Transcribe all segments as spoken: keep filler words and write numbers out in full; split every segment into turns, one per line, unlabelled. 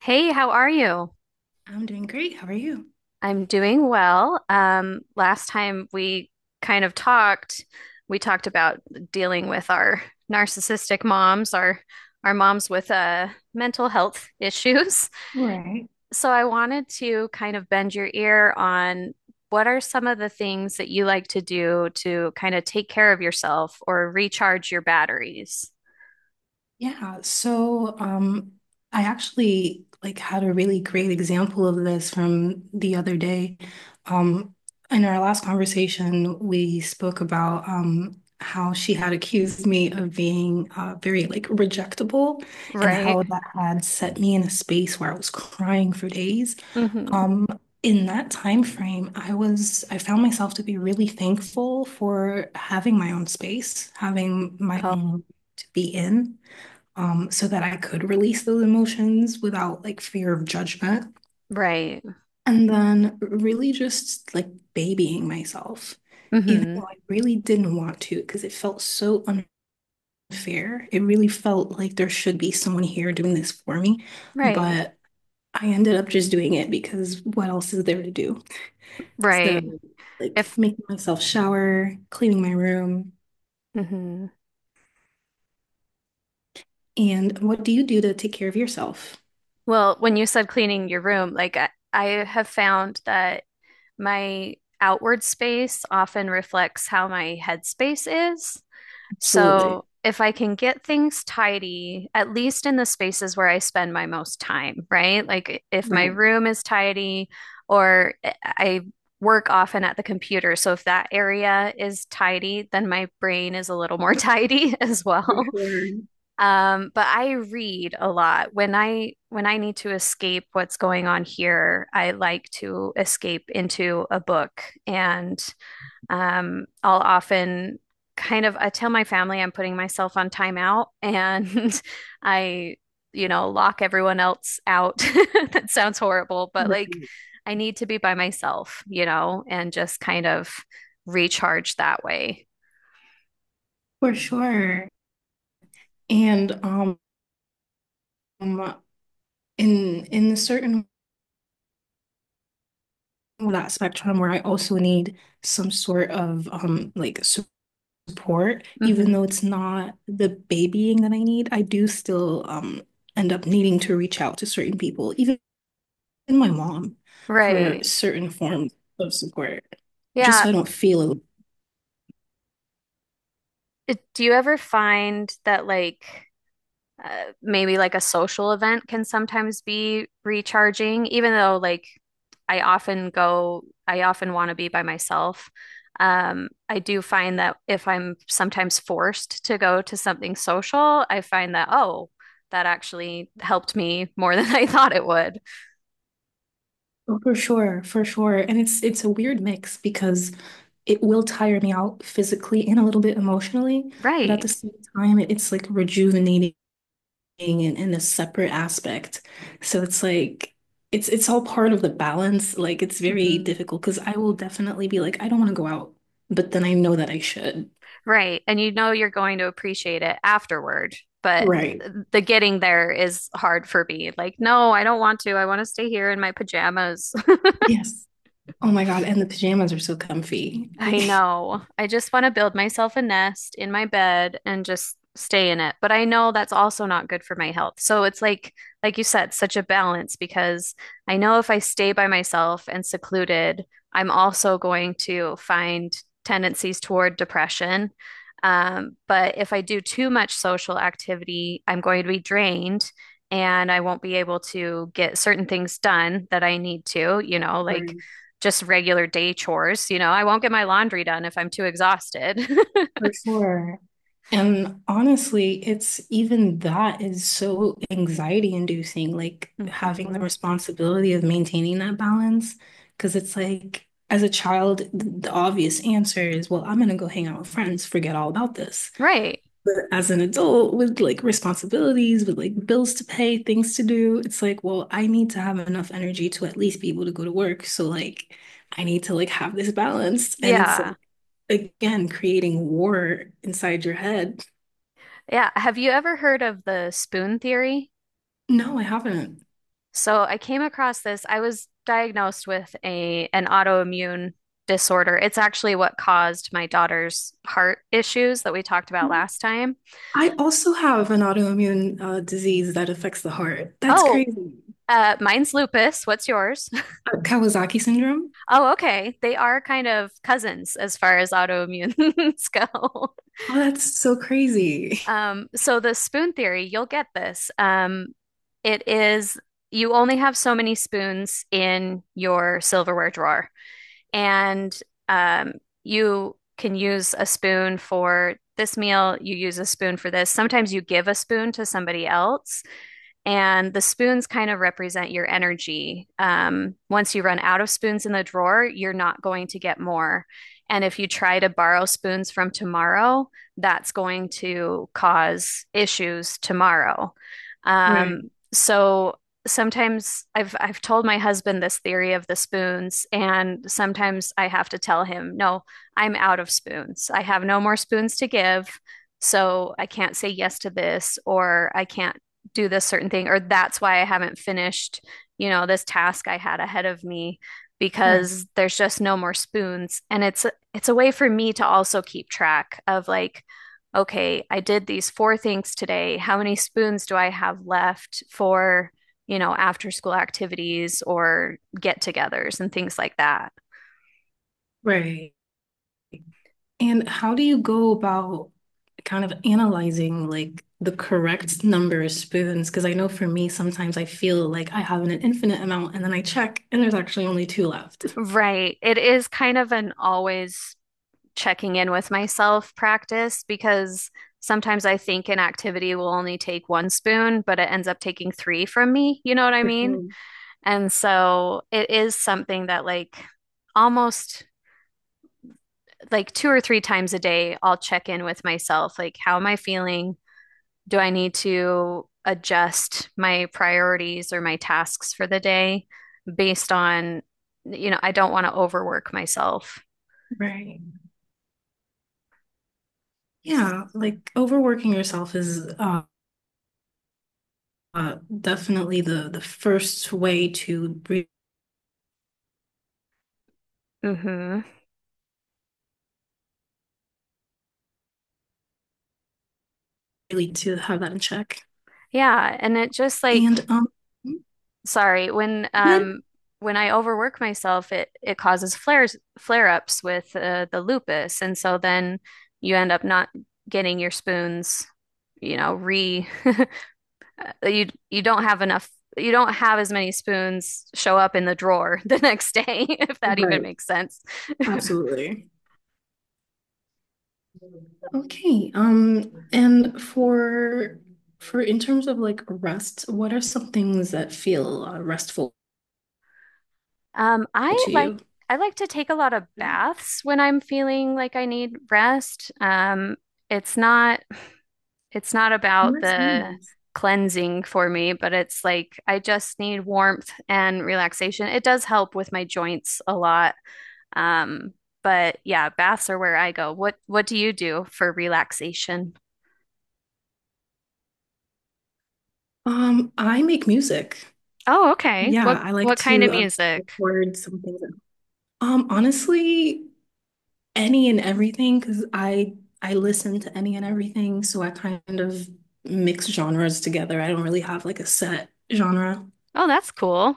Hey, how are you?
I'm doing great. How are you?
I'm doing well. Um, last time we kind of talked, we talked about dealing with our narcissistic moms, our our moms with uh, mental health issues.
Right.
So I wanted to kind of bend your ear on what are some of the things that you like to do to kind of take care of yourself or recharge your batteries?
Yeah, so um I actually like had a really great example of this from the other day. Um in our last conversation, we spoke about um how she had accused me of being uh, very like rejectable, and
Right.
how that had set me in a space where I was crying for days.
Hmm.
Um, in that time frame, I was I found myself to be really thankful for having my own space, having my own to be in, um, so that I could release those emotions without like fear of judgment.
Right.
And then really just like babying myself, even
Hmm.
though I really didn't want to, because it felt so unfair. It really felt like there should be someone here doing this for me,
Right.
but I ended up just doing it because what else is there to do? So,
Right.
like
If
making myself shower, cleaning my room.
hmm
And what do you do to take care of yourself?
Well, when you said cleaning your room, like I, I have found that my outward space often reflects how my headspace is.
Absolutely.
So if I can get things tidy, at least in the spaces where I spend my most time, right? Like if my
Right.
room is tidy or I I work often at the computer. So if that area is tidy, then my brain is a little more tidy as
For
well.
sure.
Um, but I read a lot. When I when I need to escape what's going on here, I like to escape into a book. And um, I'll often kind of I tell my family I'm putting myself on timeout and I, you know, lock everyone else out. That sounds horrible, but like
Right.
I need to be by myself, you know, and just kind of recharge that way.
For sure. And um in in a certain that spectrum where I also need some sort of um like support, even
Hmm.
though it's not the babying that I need, I do still um end up needing to reach out to certain people, even and my mom for
Right.
certain forms of support, just
Yeah.
so I don't feel alone.
It- Do you ever find that like uh, maybe like a social event can sometimes be recharging, even though like I often go, I often want to be by myself. Um, I do find that if I'm sometimes forced to go to something social, I find that, oh, that actually helped me more than I thought it would.
Oh, for sure, for sure. And it's it's a weird mix because it will tire me out physically and a little bit emotionally, but at
Right.
the same time, it, it's like rejuvenating in, in a separate aspect. So it's like it's it's all part of the balance. Like it's very
Hmm.
difficult because I will definitely be like, I don't want to go out, but then I know that I should.
Right. And you know you're going to appreciate it afterward, but
Right.
the getting there is hard for me. Like, no, I don't want to. I want to stay here in my pajamas.
Yes. Oh my God. And the pajamas are so comfy.
I
Like
know. I just want to build myself a nest in my bed and just stay in it. But I know that's also not good for my health. So it's like, like you said, such a balance because I know if I stay by myself and secluded, I'm also going to find tendencies toward depression. Um, but if I do too much social activity, I'm going to be drained and I won't be able to get certain things done that I need to, you know,
Right.
like just regular day chores. You know, I won't get my laundry done if I'm too exhausted.
For sure. And honestly, it's even that is so anxiety inducing, like having the
Hmm.
responsibility of maintaining that balance. Because it's like, as a child, th- the obvious answer is, well, I'm going to go hang out with friends, forget all about this.
Right.
But as an adult with like responsibilities, with like bills to pay, things to do, it's like, well, I need to have enough energy to at least be able to go to work. So, like, I need to like have this balance. And it's
Yeah.
like, again, creating war inside your head.
Yeah. Have you ever heard of the spoon theory?
No, I haven't.
So I came across this. I was diagnosed with a an autoimmune disorder. It's actually what caused my daughter's heart issues that we talked about last time.
I also have an autoimmune uh, disease that affects the heart. That's
Oh,
crazy.
uh, mine's lupus. What's yours?
Uh, Kawasaki syndrome?
Oh, okay. They are kind of cousins as far as autoimmunes go.
Oh, that's so crazy.
Um, so the spoon theory, you'll get this. Um, it is you only have so many spoons in your silverware drawer, and um, you can use a spoon for this meal, you use a spoon for this. Sometimes you give a spoon to somebody else. And the spoons kind of represent your energy. Um, once you run out of spoons in the drawer, you're not going to get more. And if you try to borrow spoons from tomorrow, that's going to cause issues tomorrow.
Right,
Um, so sometimes I've I've told my husband this theory of the spoons, and sometimes I have to tell him, no, I'm out of spoons. I have no more spoons to give. So I can't say yes to this, or I can't do this certain thing, or that's why I haven't finished, you know, this task I had ahead of me
right,
because there's just no more spoons. And it's it's a way for me to also keep track of like, okay, I did these four things today. How many spoons do I have left for, you know, after school activities or get-togethers and things like that?
right. And how do you go about kind of analyzing like the correct number of spoons? Because I know for me, sometimes I feel like I have an infinite amount and then I check and there's actually only two left.
Right. It is kind of an always checking in with myself practice because sometimes I think an activity will only take one spoon, but it ends up taking three from me. You know what I
For
mean?
sure.
And so it is something that, like, almost like two or three times a day, I'll check in with myself. Like, how am I feeling? Do I need to adjust my priorities or my tasks for the day based on, you know, I don't want to overwork myself.
Right. Yeah, like overworking yourself is uh uh, definitely the the first way to
Hmm.
really to have that in check.
Yeah. And it just like,
And um,
sorry, when
good.
um when I overwork myself, it it causes flares flare-ups with uh, the lupus, and so then you end up not getting your spoons, you know, re uh, you you don't have enough you don't have as many spoons show up in the drawer the next day, if that even
Right.
makes sense.
Absolutely. Okay. Um, and for for in terms of like rest, what are some things that feel uh, restful
Um, I
to
like
you?
I like to take a lot of
Yeah.
baths when I'm feeling like I need rest. Um, it's not it's not
Oh,
about
that's
the
nice.
cleansing for me, but it's like I just need warmth and relaxation. It does help with my joints a lot. Um, but yeah, baths are where I go. What what do you do for relaxation?
Um, I make music.
Oh, okay.
Yeah,
What
I like
what kind
to
of
uh,
music?
record some things. Um, honestly, any and everything because I I listen to any and everything, so I kind of mix genres together. I don't really have like a set genre.
Oh, that's cool.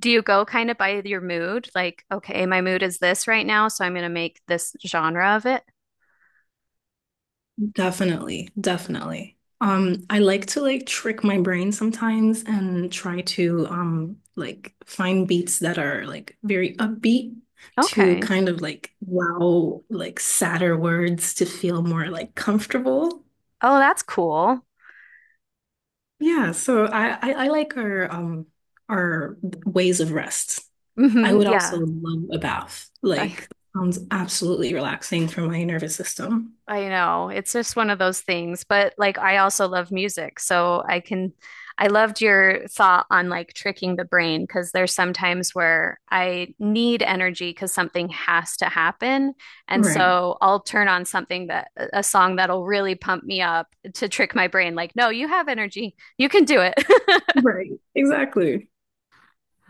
Do you go kind of by your mood? Like, okay, my mood is this right now, so I'm going to make this genre of it.
Definitely, definitely. Um, I like to like trick my brain sometimes and try to um like find beats that are like very upbeat to
Okay.
kind of like wow like sadder words to feel more like comfortable.
Oh, that's cool.
Yeah, so I I, I like our um our ways of rest. I
Hmm,
would also
yeah.
love a bath. Like, sounds absolutely relaxing for my nervous system.
I know. It's just one of those things. But like I also love music, so I can I loved your thought on like tricking the brain because there's sometimes where I need energy because something has to happen. And
Right.
so I'll turn on something that a song that'll really pump me up to trick my brain like, no, you have energy. You can do it.
Right. Exactly.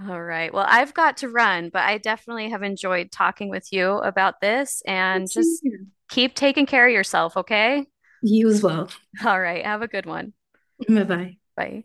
All right. Well, I've got to run, but I definitely have enjoyed talking with you about this and
See
just
you.
keep taking care of yourself, okay?
You as well.
All right. Have a good one.
Bye bye.
Bye.